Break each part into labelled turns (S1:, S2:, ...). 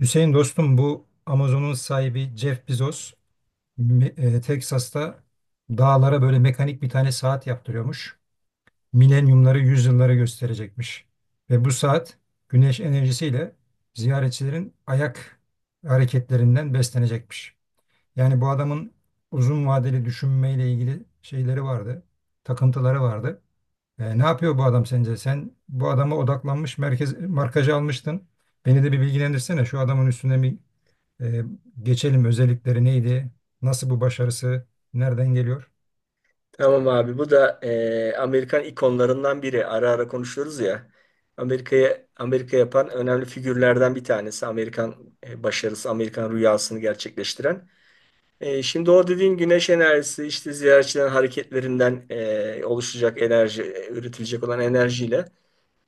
S1: Hüseyin dostum, bu Amazon'un sahibi Jeff Bezos Texas'ta dağlara böyle mekanik bir tane saat yaptırıyormuş. Milenyumları, yüzyılları gösterecekmiş. Ve bu saat güneş enerjisiyle ziyaretçilerin ayak hareketlerinden beslenecekmiş. Yani bu adamın uzun vadeli düşünmeyle ilgili şeyleri vardı, takıntıları vardı. Ne yapıyor bu adam sence? Sen bu adama odaklanmış, merkez, markajı almıştın. Beni de bir bilgilendirsene. Şu adamın üstüne bir ee, geçelim, özellikleri neydi? Nasıl bu başarısı? Nereden geliyor?
S2: Tamam abi bu da Amerikan ikonlarından biri. Ara ara konuşuyoruz ya. Amerika'ya Amerika yapan önemli figürlerden bir tanesi. Amerikan başarısı, Amerikan rüyasını gerçekleştiren. Şimdi o dediğin güneş enerjisi işte ziyaretçilerin hareketlerinden oluşacak enerji, üretilecek olan enerjiyle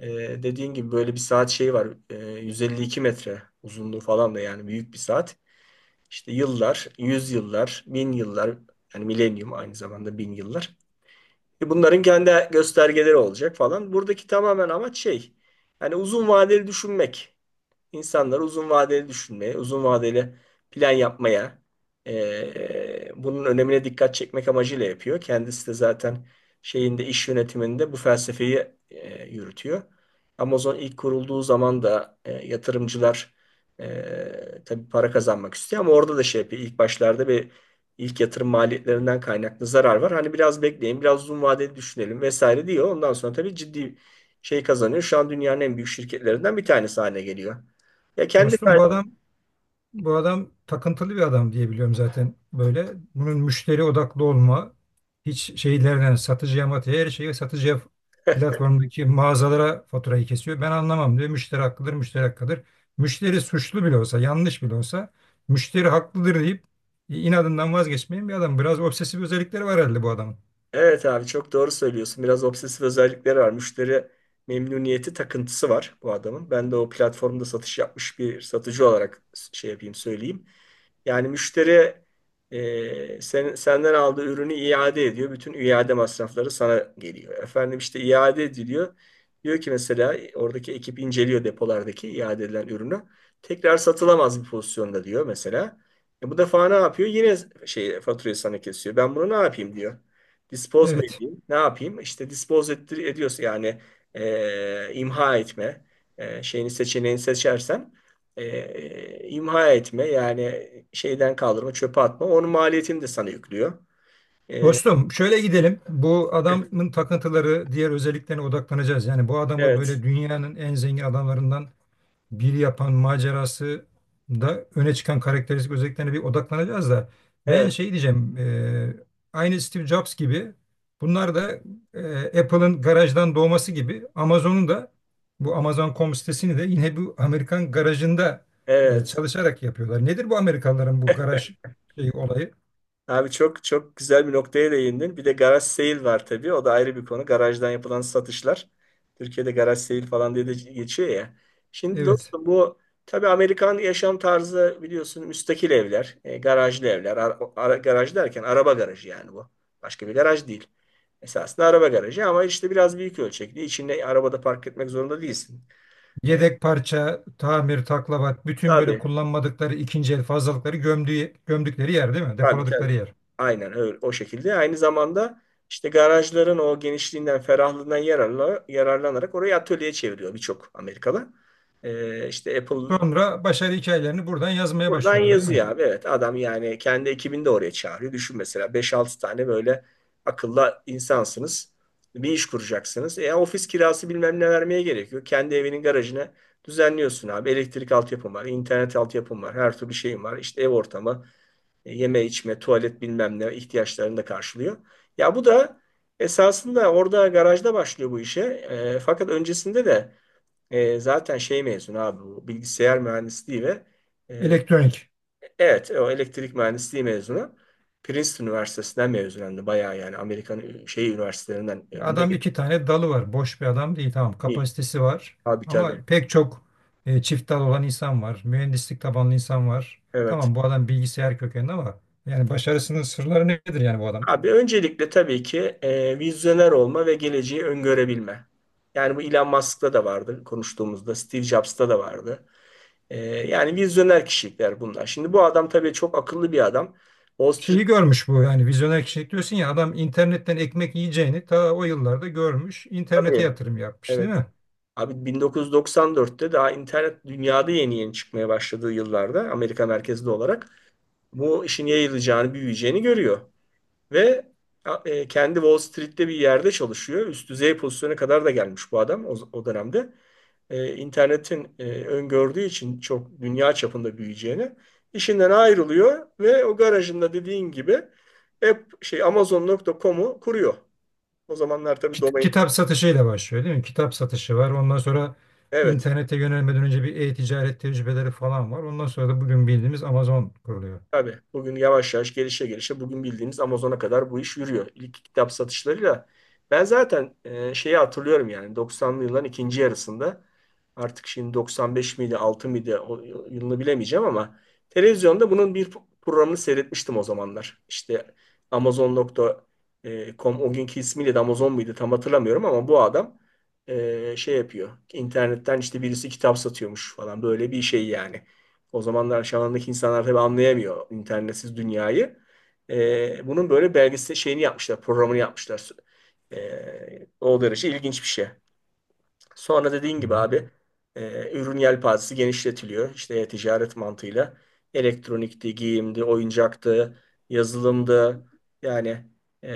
S2: e, dediğin gibi böyle bir saat şeyi var. 152 metre uzunluğu falan da yani büyük bir saat. İşte yıllar, yüz yıllar, bin yıllar yani milenyum aynı zamanda bin yıllar. Bunların kendi göstergeleri olacak falan. Buradaki tamamen amaç şey, yani uzun vadeli düşünmek insanları uzun vadeli düşünmeye, uzun vadeli plan yapmaya, bunun önemine dikkat çekmek amacıyla yapıyor. Kendisi de zaten şeyinde iş yönetiminde bu felsefeyi yürütüyor. Amazon ilk kurulduğu zaman da yatırımcılar tabii para kazanmak istiyor ama orada da şey yapıyor. İlk başlarda bir ilk yatırım maliyetlerinden kaynaklı zarar var. Hani biraz bekleyin, biraz uzun vadeli düşünelim vesaire diyor. Ondan sonra tabii ciddi şey kazanıyor. Şu an dünyanın en büyük şirketlerinden bir tanesi haline geliyor. Ya kendi
S1: Dostum, bu adam takıntılı bir adam diye biliyorum zaten böyle. Bunun müşteri odaklı olma, hiç şeylerden satıcıya matıya, her şeyi satıcıya, platformdaki mağazalara faturayı kesiyor. Ben anlamam diyor. Müşteri haklıdır, müşteri hakkıdır. Müşteri suçlu bile olsa, yanlış bile olsa müşteri haklıdır deyip inadından vazgeçmeyen bir adam. Biraz obsesif özellikleri var herhalde bu adamın.
S2: evet abi, çok doğru söylüyorsun. Biraz obsesif özellikleri var. Müşteri memnuniyeti takıntısı var bu adamın. Ben de o platformda satış yapmış bir satıcı olarak şey yapayım söyleyeyim. Yani müşteri senden aldığı ürünü iade ediyor. Bütün iade masrafları sana geliyor. Efendim işte iade ediliyor. Diyor ki mesela oradaki ekip inceliyor depolardaki iade edilen ürünü. Tekrar satılamaz bir pozisyonda diyor mesela. E bu defa ne yapıyor? Yine şey faturayı sana kesiyor. Ben bunu ne yapayım diyor. Dispose mu
S1: Evet.
S2: edeyim? Ne yapayım? İşte dispose ettir, ediyorsa yani imha etme seçeneğini seçersen imha etme yani şeyden kaldırma, çöpe atma. Onun maliyetini de sana yüklüyor. E,
S1: Dostum, şöyle gidelim. Bu adamın takıntıları, diğer özelliklerine odaklanacağız. Yani bu adamı
S2: evet,
S1: böyle dünyanın en zengin adamlarından biri yapan macerası da öne çıkan karakteristik özelliklerine bir odaklanacağız da ben
S2: evet,
S1: şey diyeceğim, aynı Steve Jobs gibi bunlar da Apple'ın garajdan doğması gibi Amazon'un da bu Amazon.com sitesini de yine bu Amerikan garajında
S2: evet.
S1: çalışarak yapıyorlar. Nedir bu Amerikalıların bu garaj şeyi olayı?
S2: Abi çok çok güzel bir noktaya değindin. Bir de garaj sale var tabii. O da ayrı bir konu. Garajdan yapılan satışlar. Türkiye'de garaj sale falan diye de geçiyor ya. Şimdi
S1: Evet.
S2: dostum bu tabii Amerikan yaşam tarzı biliyorsun müstakil evler, garajlı evler. Garaj derken araba garajı yani bu. Başka bir garaj değil. Esasında araba garajı ama işte biraz büyük ölçekli. İçinde arabada park etmek zorunda değilsin. E,
S1: Yedek parça, tamir, taklavat, bütün böyle
S2: tabii.
S1: kullanmadıkları ikinci el fazlalıkları gömdüğü, gömdükleri yer değil mi?
S2: Tabii,
S1: Depoladıkları
S2: tabii.
S1: yer.
S2: Aynen öyle o şekilde. Aynı zamanda işte garajların o genişliğinden, ferahlığından yararlanarak orayı atölye çeviriyor birçok Amerikalı. İşte Apple
S1: Sonra başarı hikayelerini buradan yazmaya
S2: buradan
S1: başlıyorlar değil mi?
S2: yazıyor abi. Evet adam yani kendi ekibini de oraya çağırıyor. Düşün mesela beş altı tane böyle akıllı insansınız. Bir iş kuracaksınız. Ofis kirası bilmem ne vermeye gerekiyor. Kendi evinin garajına düzenliyorsun abi. Elektrik altyapım var, internet altyapım var, her türlü şeyim var. İşte ev ortamı, yeme içme, tuvalet bilmem ne ihtiyaçlarını da karşılıyor. Ya bu da esasında orada garajda başlıyor bu işe. Fakat öncesinde de zaten şey mezunu abi bu bilgisayar mühendisliği ve e,
S1: Elektronik.
S2: evet o elektrik mühendisliği mezunu. Princeton Üniversitesi'nden mezun hem de bayağı yani Amerikan şey üniversitelerinden önde
S1: Adam
S2: gelen
S1: iki tane dalı var. Boş bir adam değil, tamam.
S2: değil.
S1: Kapasitesi var.
S2: Abi
S1: Ama
S2: tabii.
S1: pek çok çift dal olan insan var. Mühendislik tabanlı insan var.
S2: Evet.
S1: Tamam, bu adam bilgisayar kökenli ama yani başarısının sırları nedir yani bu adam?
S2: Abi öncelikle tabii ki vizyoner olma ve geleceği öngörebilme. Yani bu Elon Musk'ta da vardı konuştuğumuzda, Steve Jobs'ta da vardı. Yani vizyoner kişilikler bunlar. Şimdi bu adam tabii çok akıllı bir adam. Wall Street
S1: Şeyi görmüş bu, yani vizyoner kişilik diyorsun ya, adam internetten ekmek yiyeceğini ta o yıllarda görmüş, internete
S2: tabii,
S1: yatırım yapmış değil
S2: evet.
S1: mi?
S2: Abi 1994'te daha internet dünyada yeni yeni çıkmaya başladığı yıllarda Amerika merkezli olarak bu işin yayılacağını, büyüyeceğini görüyor. Ve kendi Wall Street'te bir yerde çalışıyor. Üst düzey pozisyona kadar da gelmiş bu adam o dönemde. İnternetin öngördüğü için çok dünya çapında büyüyeceğini işinden ayrılıyor ve o garajında dediğin gibi hep şey Amazon.com'u kuruyor. O zamanlar tabii domain
S1: Kitap satışıyla başlıyor değil mi? Kitap satışı var, ondan sonra
S2: evet.
S1: internete yönelmeden önce bir e-ticaret tecrübeleri falan var, ondan sonra da bugün bildiğimiz Amazon kuruluyor.
S2: Tabii bugün yavaş yavaş gelişe gelişe bugün bildiğimiz Amazon'a kadar bu iş yürüyor. İlk kitap satışlarıyla ben zaten şeyi hatırlıyorum yani 90'lı yılların ikinci yarısında artık şimdi 95 miydi 6 mıydı o yılını bilemeyeceğim ama televizyonda bunun bir programını seyretmiştim o zamanlar. İşte Amazon.com o günkü ismiyle de Amazon muydu tam hatırlamıyorum ama bu adam şey yapıyor. İnternetten işte birisi kitap satıyormuş falan böyle bir şey yani. O zamanlar çağındaki insanlar tabii anlayamıyor internetsiz dünyayı. Bunun böyle belgesel şeyini yapmışlar, programını yapmışlar. O derece ilginç bir şey. Sonra dediğin
S1: Hı
S2: gibi
S1: hı.
S2: abi ürün yelpazesi genişletiliyor. İşte e-ticaret mantığıyla elektronikti, giyimdi, oyuncaktı, yazılımdı. Yani e,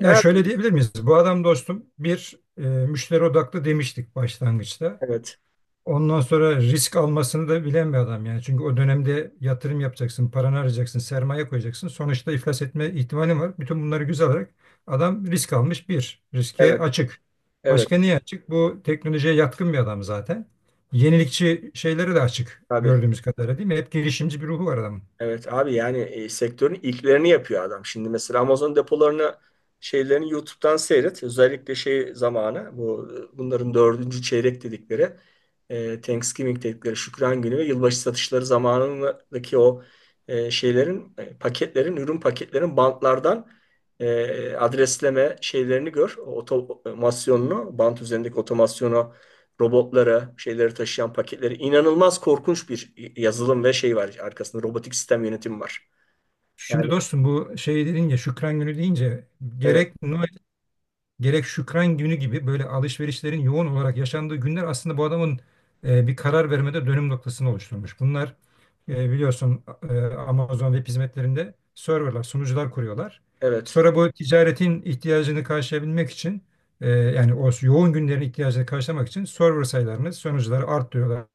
S1: Yani
S2: her
S1: şöyle diyebilir miyiz? Bu adam dostum bir müşteri odaklı demiştik başlangıçta.
S2: evet,
S1: Ondan sonra risk almasını da bilen bir adam yani. Çünkü o dönemde yatırım yapacaksın, paranı arayacaksın, sermaye koyacaksın. Sonuçta iflas etme ihtimalin var. Bütün bunları göze alarak adam risk almış bir. Riske
S2: evet,
S1: açık.
S2: evet
S1: Başka niye açık? Bu teknolojiye yatkın bir adam zaten. Yenilikçi şeyleri de açık
S2: abi.
S1: gördüğümüz kadarıyla değil mi? Hep girişimci bir ruhu var adamın.
S2: Evet abi yani sektörün ilklerini yapıyor adam. Şimdi mesela Amazon depolarını şeylerini YouTube'dan seyret. Özellikle şey zamanı bu bunların dördüncü çeyrek dedikleri Thanksgiving dedikleri Şükran Günü ve yılbaşı satışları zamanındaki o şeylerin paketlerin ürün paketlerin bantlardan adresleme şeylerini gör. O otomasyonunu bant üzerindeki otomasyonu robotlara, şeyleri taşıyan paketleri inanılmaz korkunç bir yazılım ve şey var arkasında robotik sistem yönetimi var. Yani
S1: Şimdi dostum, bu şey dedin ya, Şükran Günü deyince
S2: evet,
S1: gerek Noel, gerek Şükran günü gibi böyle alışverişlerin yoğun olarak yaşandığı günler aslında bu adamın bir karar vermede dönüm noktasını oluşturmuş. Bunlar biliyorsun Amazon web hizmetlerinde serverlar, sunucular kuruyorlar.
S2: evet,
S1: Sonra bu ticaretin ihtiyacını karşılayabilmek için yani o yoğun günlerin ihtiyacını karşılamak için server sayılarını, sunucuları arttırıyorlar,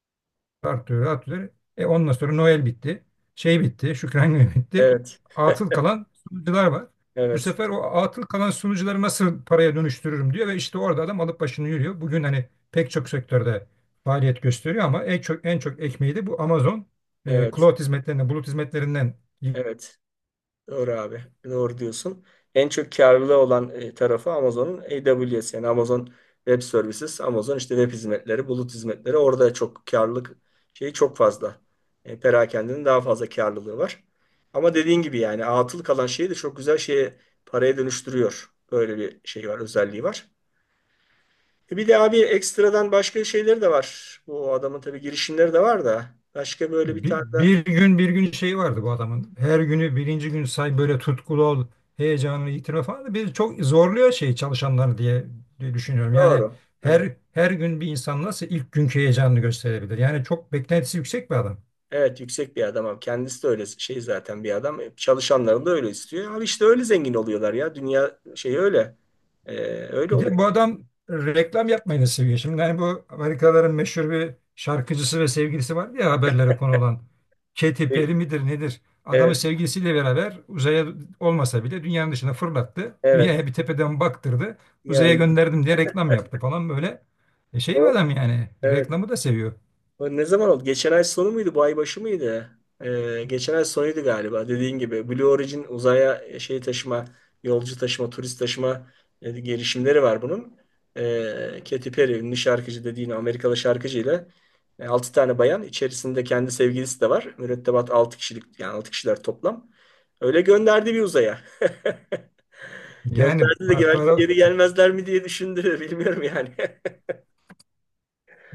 S1: artıyor, artıyor. E ondan sonra Noel bitti. Şey bitti, Şükran Günü bitti.
S2: evet,
S1: Atıl kalan sunucular var. Bu
S2: evet,
S1: sefer o atıl kalan sunucuları nasıl paraya dönüştürürüm diyor ve işte orada adam alıp başını yürüyor. Bugün hani pek çok sektörde faaliyet gösteriyor ama en çok en çok ekmeği de bu Amazon
S2: evet,
S1: cloud hizmetlerinden, bulut hizmetlerinden.
S2: evet. Doğru abi. Doğru diyorsun. En çok karlı olan tarafı Amazon'un AWS yani Amazon Web Services, Amazon işte web hizmetleri, bulut hizmetleri orada çok karlılık şeyi çok fazla. Perakende'nin daha fazla karlılığı var. Ama dediğin gibi yani atıl kalan şeyi de çok güzel şeye paraya dönüştürüyor. Böyle bir şey var, özelliği var. Bir de abi ekstradan başka şeyleri de var. Bu adamın tabii girişimleri de var da başka böyle bir tane de
S1: Bir gün şeyi vardı bu adamın. Her günü birinci gün say, böyle tutkulu ol, heyecanını yitirme falan. Bir çok zorluyor şey çalışanları diye düşünüyorum. Yani
S2: doğru. E,
S1: her gün bir insan nasıl ilk günkü heyecanını gösterebilir? Yani çok beklentisi yüksek bir adam.
S2: Evet yüksek bir adam abi. Kendisi de öyle şey zaten bir adam. Çalışanların da öyle istiyor. Abi işte öyle zengin oluyorlar ya. Dünya şey öyle. Ee, Öyle
S1: Bir
S2: oluyor.
S1: de bu adam reklam yapmayı da seviyor. Şimdi hani bu Amerikalıların meşhur bir şarkıcısı ve sevgilisi var ya, haberlere konu olan. Katy
S2: E,
S1: Perry midir nedir? Adamı
S2: Evet,
S1: sevgilisiyle beraber uzaya olmasa bile dünyanın dışına fırlattı.
S2: evet.
S1: Dünyaya bir tepeden baktırdı. Uzaya
S2: Geldi.
S1: gönderdim diye reklam yaptı falan böyle. E şey bir
S2: O.
S1: adam yani,
S2: Evet.
S1: reklamı da seviyor.
S2: Ne zaman oldu? Geçen ay sonu muydu? Bu ay başı mıydı? Geçen ay sonuydu galiba. Dediğin gibi Blue Origin uzaya şey taşıma, yolcu taşıma, turist taşıma girişimleri var bunun. Katy Perry ünlü şarkıcı dediğin Amerikalı şarkıcıyla ile 6 tane bayan içerisinde kendi sevgilisi de var. Mürettebat 6 kişilik yani 6 kişiler toplam. Öyle gönderdi bir uzaya. Gönderdi de belki
S1: Para
S2: geri gelmezler mi diye düşündü. Bilmiyorum yani.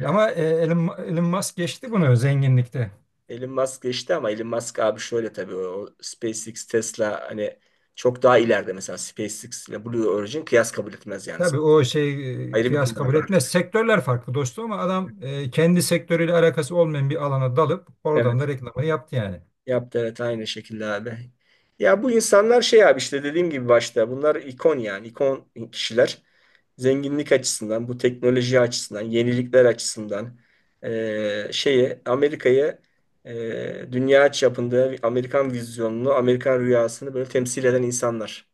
S1: ama Elon Musk geçti bunu zenginlikte.
S2: Elon Musk geçti ama Elon Musk abi şöyle tabii o SpaceX, Tesla hani çok daha ileride mesela SpaceX ile Blue Origin kıyas kabul etmez yani.
S1: Tabii o şey
S2: Ayrı bir
S1: kıyas kabul
S2: kulvarda
S1: etmez.
S2: artık.
S1: Sektörler farklı dostum ama adam kendi sektörüyle alakası olmayan bir alana dalıp oradan
S2: Evet.
S1: da reklamını yaptı yani.
S2: Yaptı evet aynı şekilde abi. Ya bu insanlar şey abi işte dediğim gibi başta bunlar ikon yani ikon kişiler. Zenginlik açısından, bu teknoloji açısından, yenilikler açısından şeyi Amerika'yı dünya çapında Amerikan vizyonunu, Amerikan rüyasını böyle temsil eden insanlar.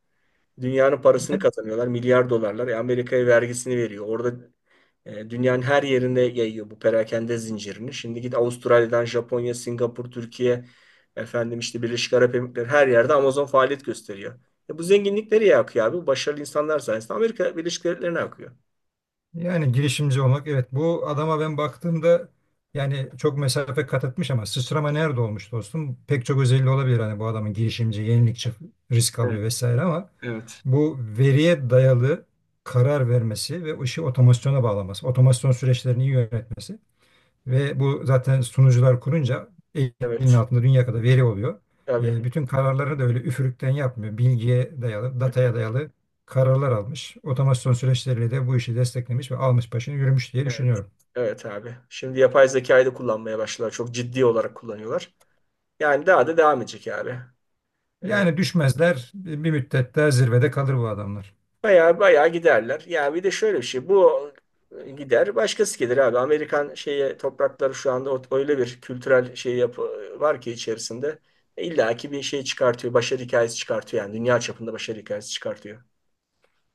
S2: Dünyanın parasını kazanıyorlar. Milyar dolarlar. Amerika'ya vergisini veriyor. Orada dünyanın her yerinde yayıyor bu perakende zincirini. Şimdi git Avustralya'dan Japonya, Singapur, Türkiye, efendim işte Birleşik Arap Emirlikleri her yerde Amazon faaliyet gösteriyor. Bu zenginlik nereye akıyor abi? Bu başarılı insanlar sayesinde Amerika Birleşik Devletleri'ne akıyor.
S1: Yani girişimci olmak, evet, bu adama ben baktığımda yani çok mesafe kat etmiş ama sıçrama nerede olmuş dostum? Pek çok özelliği olabilir hani bu adamın: girişimci, yenilikçi, risk
S2: Evet.
S1: alıyor vesaire ama
S2: Evet.
S1: bu veriye dayalı karar vermesi ve işi otomasyona bağlaması, otomasyon süreçlerini iyi yönetmesi. Ve bu zaten sunucular kurunca elinin
S2: Evet.
S1: altında dünya kadar veri oluyor. E,
S2: Tabii.
S1: bütün kararları da öyle üfürükten yapmıyor. Bilgiye dayalı,
S2: Evet.
S1: dataya dayalı kararlar almış. Otomasyon süreçleriyle de bu işi desteklemiş ve almış başını yürümüş diye
S2: Evet,
S1: düşünüyorum.
S2: evet abi. Şimdi yapay zekayı da kullanmaya başladılar. Çok ciddi olarak kullanıyorlar. Yani daha da devam edecek abi. E,
S1: Yani düşmezler, bir müddet daha zirvede kalır bu adamlar.
S2: Bayağı bayağı giderler. Ya bir de şöyle bir şey. Bu gider, başkası gelir abi. Amerikan şeye toprakları şu anda öyle bir kültürel şey yapı var ki içerisinde. İlla ki bir şey çıkartıyor. Başarı hikayesi çıkartıyor yani. Dünya çapında başarı hikayesi çıkartıyor.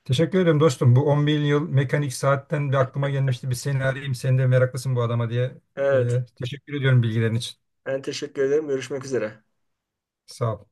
S1: Teşekkür ederim dostum. Bu 10 bin yıl mekanik saatten bir aklıma gelmişti. Bir seni arayayım. Sen de meraklısın bu adama diye.
S2: Evet.
S1: E, teşekkür ediyorum bilgilerin için.
S2: Ben teşekkür ederim. Görüşmek üzere.
S1: Sağ ol.